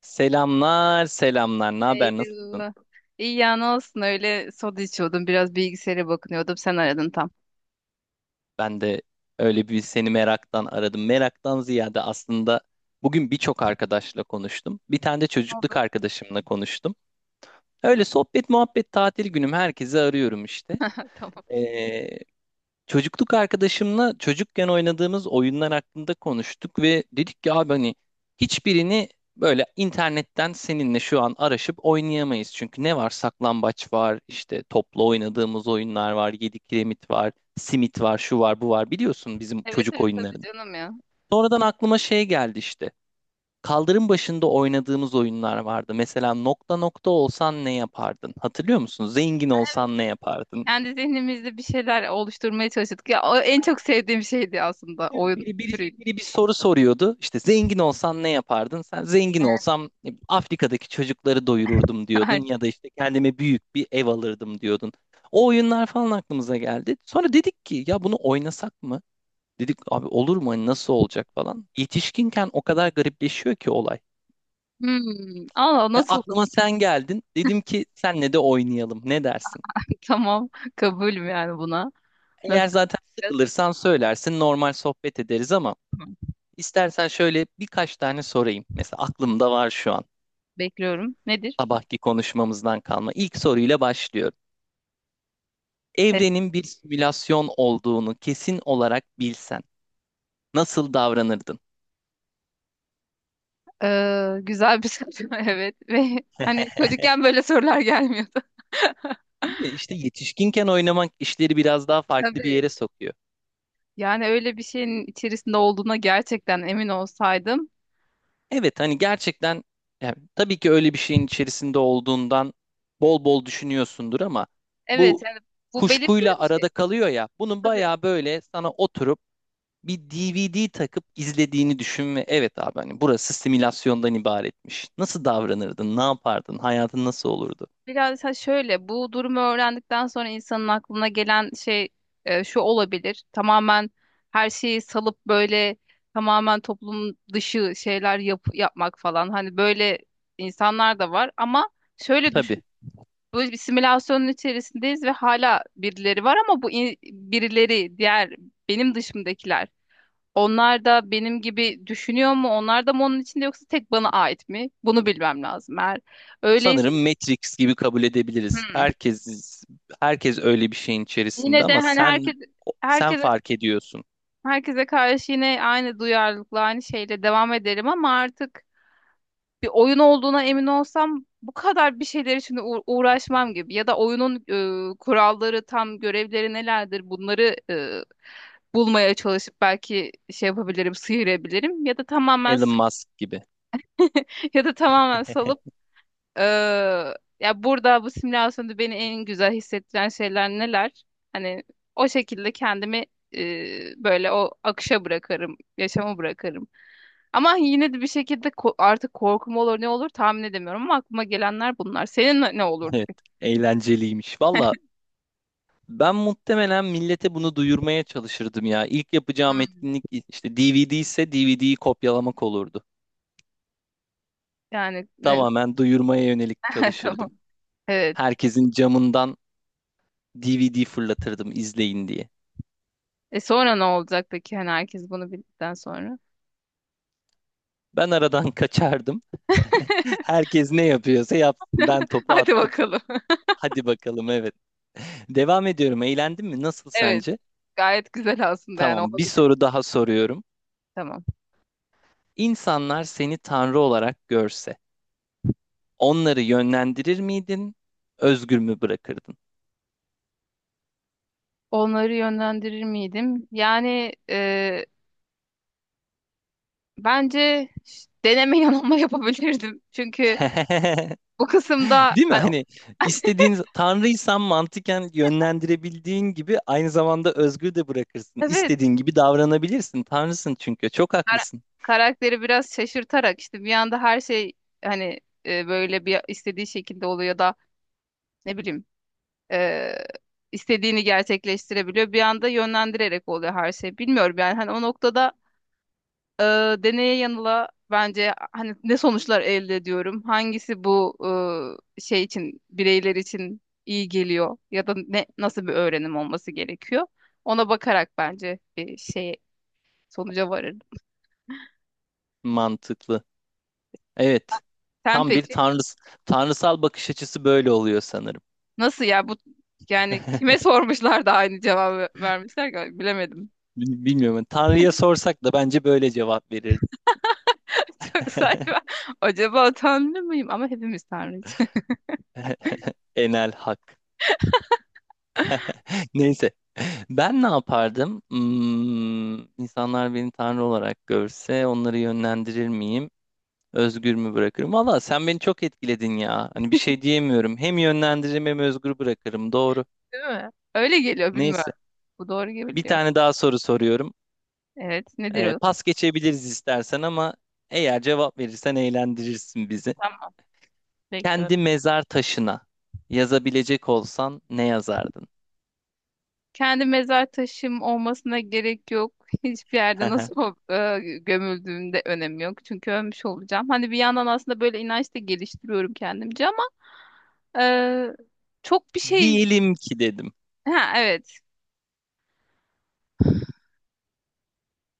Selamlar, selamlar. Ne haber, nasılsın? Eylül. İyi ya ne olsun öyle soda içiyordum biraz bilgisayara bakınıyordum sen aradın tam. Ben de öyle bir seni meraktan aradım. Meraktan ziyade aslında bugün birçok arkadaşla konuştum. Bir tane de Ne çocukluk oldu? arkadaşımla konuştum. Öyle sohbet, muhabbet, tatil günüm herkesi arıyorum işte. Tamam. Ee, çocukluk arkadaşımla çocukken oynadığımız oyunlar hakkında konuştuk ve dedik ki abi hani hiçbirini böyle internetten seninle şu an araşıp oynayamayız. Çünkü ne var? Saklambaç var, işte topla oynadığımız oyunlar var, yedi kiremit var, simit var, şu var, bu var. Biliyorsun bizim Evet çocuk evet tabii oyunlarını. canım ya. Sonradan aklıma şey geldi işte. Kaldırım başında oynadığımız oyunlar vardı. Mesela nokta nokta olsan ne yapardın? Hatırlıyor musun? Zengin olsan ne yapardın? Kendi zihnimizde bir şeyler oluşturmaya çalıştık. Ya o en çok sevdiğim şeydi aslında Değil mi? oyun Biri, biri, türü. biri bir soru soruyordu. İşte zengin olsan ne yapardın? Sen zengin olsam ne Afrika'daki çocukları doyururdum diyordun Aynen. ya da işte kendime büyük bir ev alırdım diyordun. O oyunlar falan aklımıza geldi. Sonra dedik ki ya bunu oynasak mı? Dedik abi olur mu? Hani nasıl olacak falan. Yetişkinken o kadar garipleşiyor ki olay. Hmm. Allah nasıl olur? Aklıma sen geldin. Dedim ki senle de oynayalım. Ne dersin? Tamam. Kabulüm yani buna. Eğer Nasıl? zaten Yapacağız? sıkılırsan söylersin normal sohbet ederiz ama Tamam. istersen şöyle birkaç tane sorayım. Mesela aklımda var şu an. Bekliyorum. Nedir? Sabahki konuşmamızdan kalma. İlk soruyla başlıyorum. Evet. Evrenin bir simülasyon olduğunu kesin olarak bilsen nasıl davranırdın? Güzel bir soru. Evet. Ve hani çocukken böyle sorular gelmiyordu. Değil mi? İşte yetişkinken oynamak işleri biraz daha farklı bir yere Tabii. sokuyor. Yani öyle bir şeyin içerisinde olduğuna gerçekten emin olsaydım. Evet hani gerçekten yani tabii ki öyle bir şeyin içerisinde olduğundan bol bol düşünüyorsundur ama Evet bu yani bu belirsiz kuşkuyla bir arada şey. kalıyor ya bunun Tabii. bayağı böyle sana oturup bir DVD takıp izlediğini düşün ve evet abi hani burası simülasyondan ibaretmiş. Nasıl davranırdın? Ne yapardın? Hayatın nasıl olurdu? Biraz ha şöyle bu durumu öğrendikten sonra insanın aklına gelen şey şu olabilir. Tamamen her şeyi salıp böyle tamamen toplum dışı şeyler yapmak falan. Hani böyle insanlar da var ama şöyle düşün. Tabii. Böyle bir simülasyonun içerisindeyiz ve hala birileri var ama birileri diğer benim dışımdakiler. Onlar da benim gibi düşünüyor mu? Onlar da mı onun içinde yoksa tek bana ait mi? Bunu bilmem lazım. Eğer öyleyse Sanırım Matrix gibi kabul edebiliriz. hmm. Herkes öyle bir şeyin içerisinde Yine de ama hani herkes sen herkese fark ediyorsun. herkese karşı yine aynı duyarlılıkla aynı şeyle devam ederim ama artık bir oyun olduğuna emin olsam bu kadar bir şeyler için uğraşmam gibi ya da oyunun kuralları tam görevleri nelerdir bunları bulmaya çalışıp belki şey yapabilirim, sıyırabilirim ya da tamamen Elon Musk gibi. ya da tamamen salıp Ee, ya burada bu simülasyonda beni en güzel hissettiren şeyler neler? Hani o şekilde kendimi böyle o akışa bırakırım, yaşama bırakırım. Ama yine de bir şekilde artık korkum olur ne olur tahmin edemiyorum ama aklıma gelenler bunlar. Senin ne olurdu Evet, peki? eğlenceliymiş. Valla ben muhtemelen millete bunu duyurmaya çalışırdım ya. İlk yapacağım Hmm. etkinlik işte DVD ise DVD'yi kopyalamak olurdu. Yani ne- Tamamen duyurmaya yönelik tamam. çalışırdım. Evet. Herkesin camından DVD fırlatırdım izleyin diye. E sonra ne olacak peki? Hani herkes bunu bildikten sonra. Ben aradan kaçardım. Herkes ne yapıyorsa yapsın. Ben topu Hadi attım. bakalım. Hadi bakalım evet. Devam ediyorum. Eğlendin mi? Nasıl Evet. sence? Gayet güzel aslında yani Tamam, bir olabilir. soru daha soruyorum. Tamam. İnsanlar seni tanrı olarak görse, onları yönlendirir miydin? Özgür mü bırakırdın? Onları yönlendirir miydim? Yani bence deneme yanılma yapabilirdim. Çünkü bu kısımda Değil mi? hani, Hani istediğin tanrıysan mantıken yönlendirebildiğin gibi aynı zamanda özgür de bırakırsın. evet İstediğin gibi davranabilirsin. Tanrısın çünkü. Çok kara- haklısın. karakteri biraz şaşırtarak işte bir anda her şey hani böyle bir istediği şekilde oluyor da ne bileyim e, istediğini gerçekleştirebiliyor. Bir anda yönlendirerek oluyor her şey. Bilmiyorum yani hani o noktada e, deneye yanıla bence hani ne sonuçlar elde ediyorum? Hangisi bu şey için bireyler için iyi geliyor ya da ne nasıl bir öğrenim olması gerekiyor? Ona bakarak bence bir şey sonuca varırım. Mantıklı. Evet. Sen Tam bir peki tanrıs tanrısal bakış açısı böyle oluyor sanırım. nasıl ya bu yani kime sormuşlar da aynı cevabı vermişler ki bilemedim. Bilmiyorum. Hani Tanrı'ya sorsak da bence böyle cevap verirdi. Çok saçma. Acaba tanrı mıyım? Ama hepimiz tanrıyız. Enel hak. Neyse. Ben ne yapardım? Hmm, insanlar beni tanrı olarak görse onları yönlendirir miyim? Özgür mü bırakırım? Valla sen beni çok etkiledin ya. Hani bir şey diyemiyorum. Hem yönlendiririm hem özgür bırakırım. Doğru. Değil mi? Öyle geliyor bilmiyorum. Neyse. Bu doğru Bir geliyor. tane daha soru soruyorum. Evet nedir o? Pas geçebiliriz istersen ama eğer cevap verirsen eğlendirirsin bizi. Tamam bekliyorum. Kendi mezar taşına yazabilecek olsan ne yazardın? Kendi mezar taşım olmasına gerek yok. Hiçbir yerde nasıl gömüldüğümde önemi yok. Çünkü ölmüş olacağım. Hani bir yandan aslında böyle inanç da geliştiriyorum kendimce ama e, çok bir şey... Diyelim ki dedim. Ha evet.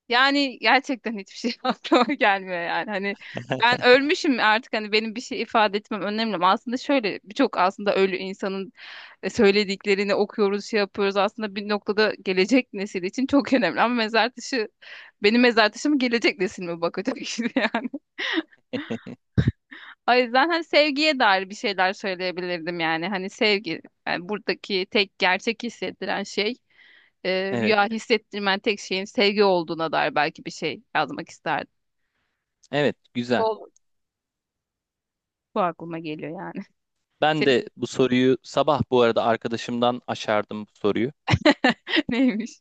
Yani gerçekten hiçbir şey aklıma gelmiyor yani. Hani ben ölmüşüm artık hani benim bir şey ifade etmem önemli mi? Aslında şöyle birçok aslında ölü insanın söylediklerini okuyoruz, şey yapıyoruz. Aslında bir noktada gelecek nesil için çok önemli. Ama mezar taşı benim mezar taşım gelecek nesil mi bakacak şimdi yani. O yüzden hani sevgiye dair bir şeyler söyleyebilirdim yani. Hani sevgi yani buradaki tek gerçek hissettiren şey Evet. rüya hissettirmen tek şeyin sevgi olduğuna dair belki bir şey yazmak isterdim. Evet. Güzel. Bu aklıma geliyor yani. Ben Senin de bu soruyu sabah bu arada arkadaşımdan aşardım bu soruyu. neymiş?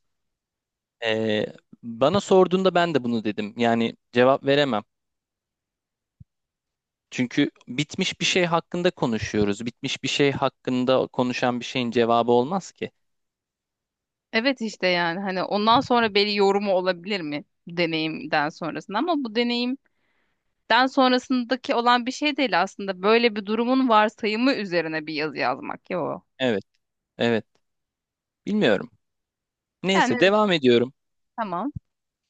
Ee, bana sorduğunda ben de bunu dedim. Yani cevap veremem. Çünkü bitmiş bir şey hakkında konuşuyoruz. Bitmiş bir şey hakkında konuşan bir şeyin cevabı olmaz ki. Evet işte yani hani ondan sonra belli yorumu olabilir mi deneyimden sonrasında ama bu deneyimden sonrasındaki olan bir şey değil aslında. Böyle bir durumun varsayımı üzerine bir yazı yazmak ya o. Evet, evet. Bilmiyorum. Yani Neyse evet, devam ediyorum. tamam.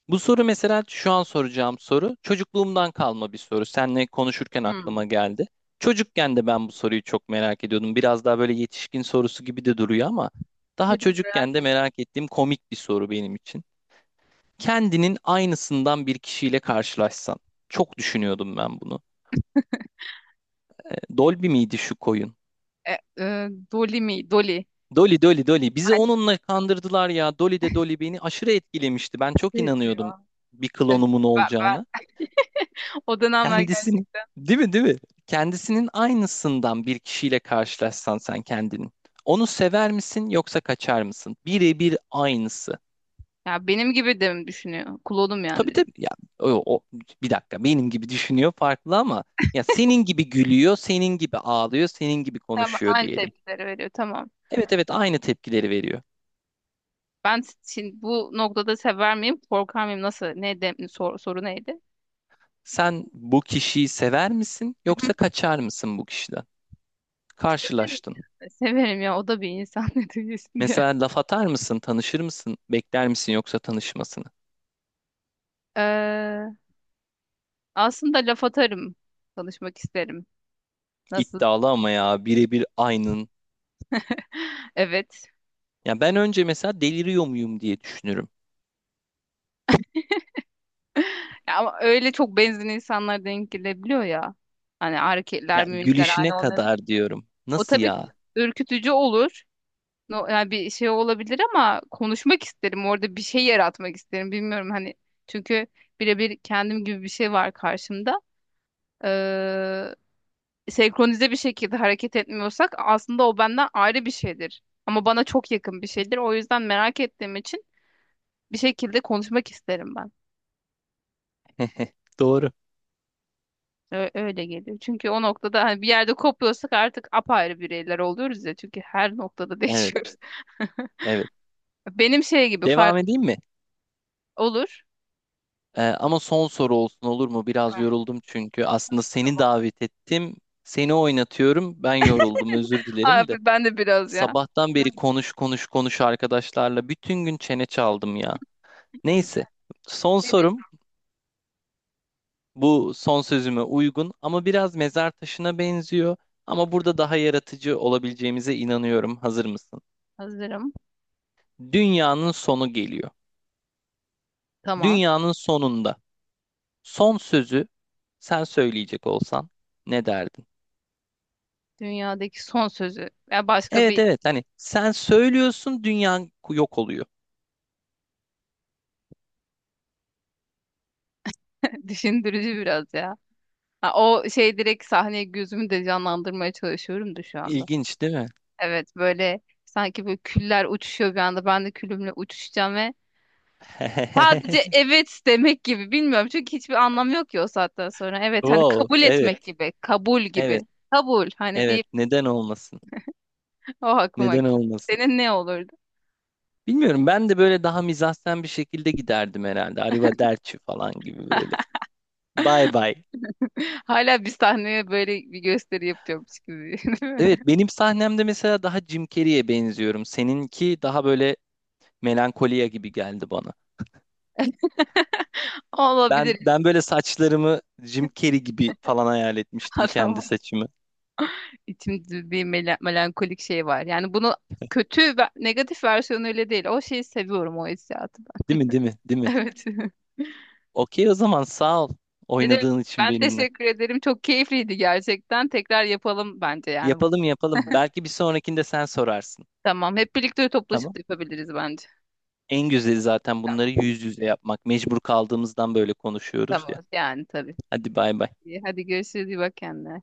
Bu soru mesela şu an soracağım soru çocukluğumdan kalma bir soru. Seninle konuşurken Hmm. aklıma geldi. Çocukken de ben bu soruyu çok merak ediyordum. Biraz daha böyle yetişkin sorusu gibi de duruyor ama daha Dedim merak çocukken de et. merak ettiğim komik bir soru benim için. Kendinin aynısından bir kişiyle karşılaşsan. Çok düşünüyordum ben bunu. E, Dolby miydi şu koyun? E, Dolly mi? Dolly. Dolly bizi Aynı onunla kandırdılar ya. Dolly beni aşırı etkilemişti. Ben çok şey inanıyordum diyor. bir Evet, klonumun olacağına. ben. O dönemler Kendisini gerçekten. değil mi değil mi? Kendisinin aynısından bir kişiyle karşılaşsan sen kendini. Onu sever misin yoksa kaçar mısın? Birebir aynısı. Ya benim gibi de mi düşünüyor? Klonum yani Tabii direkt. tabii ya o, o- bir dakika benim gibi düşünüyor farklı ama ya senin gibi gülüyor, senin gibi ağlıyor, senin gibi Tamam, konuşuyor aynı diyelim. tepkileri veriyor. Tamam. Evet evet aynı tepkileri veriyor. Ben şimdi bu noktada sever miyim, korkar mıyım? Nasıl? Ne de, soru neydi? Sen bu kişiyi sever misin yoksa Mhm. kaçar mısın bu kişiden? Severim. Karşılaştın. Severim ya. O da bir insan ne diyorsun ya. Mesela laf atar mısın, tanışır mısın, bekler misin yoksa tanışmasını? Ee, aslında laf atarım. Tanışmak isterim. Nasıl? İddialı ama ya birebir aynın. Evet. Ya ben önce mesela deliriyor muyum diye düşünürüm. Ya ama öyle çok benzer insanlar denk gelebiliyor ya. Hani hareketler, Ya mimikler gülüşüne aynı olmuyor. kadar diyorum. O Nasıl tabii ki ya? ürkütücü olur. No, yani bir şey olabilir ama konuşmak isterim. Orada bir şey yaratmak isterim. Bilmiyorum hani çünkü birebir kendim gibi bir şey var karşımda. Ee, senkronize bir şekilde hareket etmiyorsak aslında o benden ayrı bir şeydir. Ama bana çok yakın bir şeydir. O yüzden merak ettiğim için bir şekilde konuşmak isterim ben. Doğru. Öyle geliyor. Çünkü o noktada hani bir yerde kopuyorsak artık apayrı bireyler oluyoruz ya. Çünkü her noktada Evet, değişiyoruz. evet. Benim şey gibi fark Devam edeyim mi? olur. Ama son soru olsun olur mu? Biraz Aynen. yoruldum çünkü. Aslında seni davet ettim. Seni oynatıyorum. Ben yoruldum. Özür dilerim de. Abi ben de biraz ya. Sabahtan beri Güzel, konuş konuş konuş arkadaşlarla bütün gün çene çaldım ya. güzel. Neyse. Son Evet. sorum bu son sözüme uygun ama biraz mezar taşına benziyor. Ama burada daha yaratıcı olabileceğimize inanıyorum. Hazır mısın? Hazırım. Dünyanın sonu geliyor. Tamam. Dünyanın sonunda son sözü sen söyleyecek olsan ne derdin? Dünyadaki son sözü. Ya başka Evet bir evet hani sen söylüyorsun dünya yok oluyor. düşündürücü biraz ya. Ha, o şey direkt sahneye gözümü de canlandırmaya çalışıyorum da şu anda. İlginç değil mi? Evet böyle sanki böyle küller uçuşuyor bir anda. Ben de külümle uçuşacağım ve sadece evet demek gibi. Bilmiyorum çünkü hiçbir anlamı yok ki o saatten sonra. Evet hani Wow, kabul etmek evet, gibi. Kabul evet, gibi. Kabul hani evet. deyip Neden olmasın? o aklıma Neden geldi. olmasın? Senin ne olurdu? Bilmiyorum ben de böyle daha mizahsen bir şekilde giderdim herhalde. Arrivederci falan gibi böyle. Bye bye. Hala bir sahneye böyle bir gösteri yapıyormuş gibi. Değil Evet mi? benim sahnemde mesela daha Jim Carrey'e benziyorum. Seninki daha böyle melankoliya gibi geldi bana. Ben Olabilir. ben böyle saçlarımı Jim Carrey gibi falan hayal etmiştim kendi Adam saçımı. İçimde bir melankolik şey var. Yani bunu kötü ve negatif versiyonuyla değil. O şeyi seviyorum o hissiyatı. Değil mi? Değil mi? Değil mi? Evet. Okey o zaman sağ ol Ne demek? oynadığın için Ben benimle. teşekkür ederim. Çok keyifliydi gerçekten. Tekrar yapalım bence yani bu. Yapalım yapalım. Belki bir sonrakinde sen sorarsın. Tamam. Hep birlikte toplaşıp Tamam? da yapabiliriz bence. En güzeli zaten bunları Tamam. yüz yüze yapmak. Mecbur kaldığımızdan böyle konuşuyoruz ya. Tamam. Yani tabii. Hadi bay bay. İyi, hadi görüşürüz. İyi bak kendine.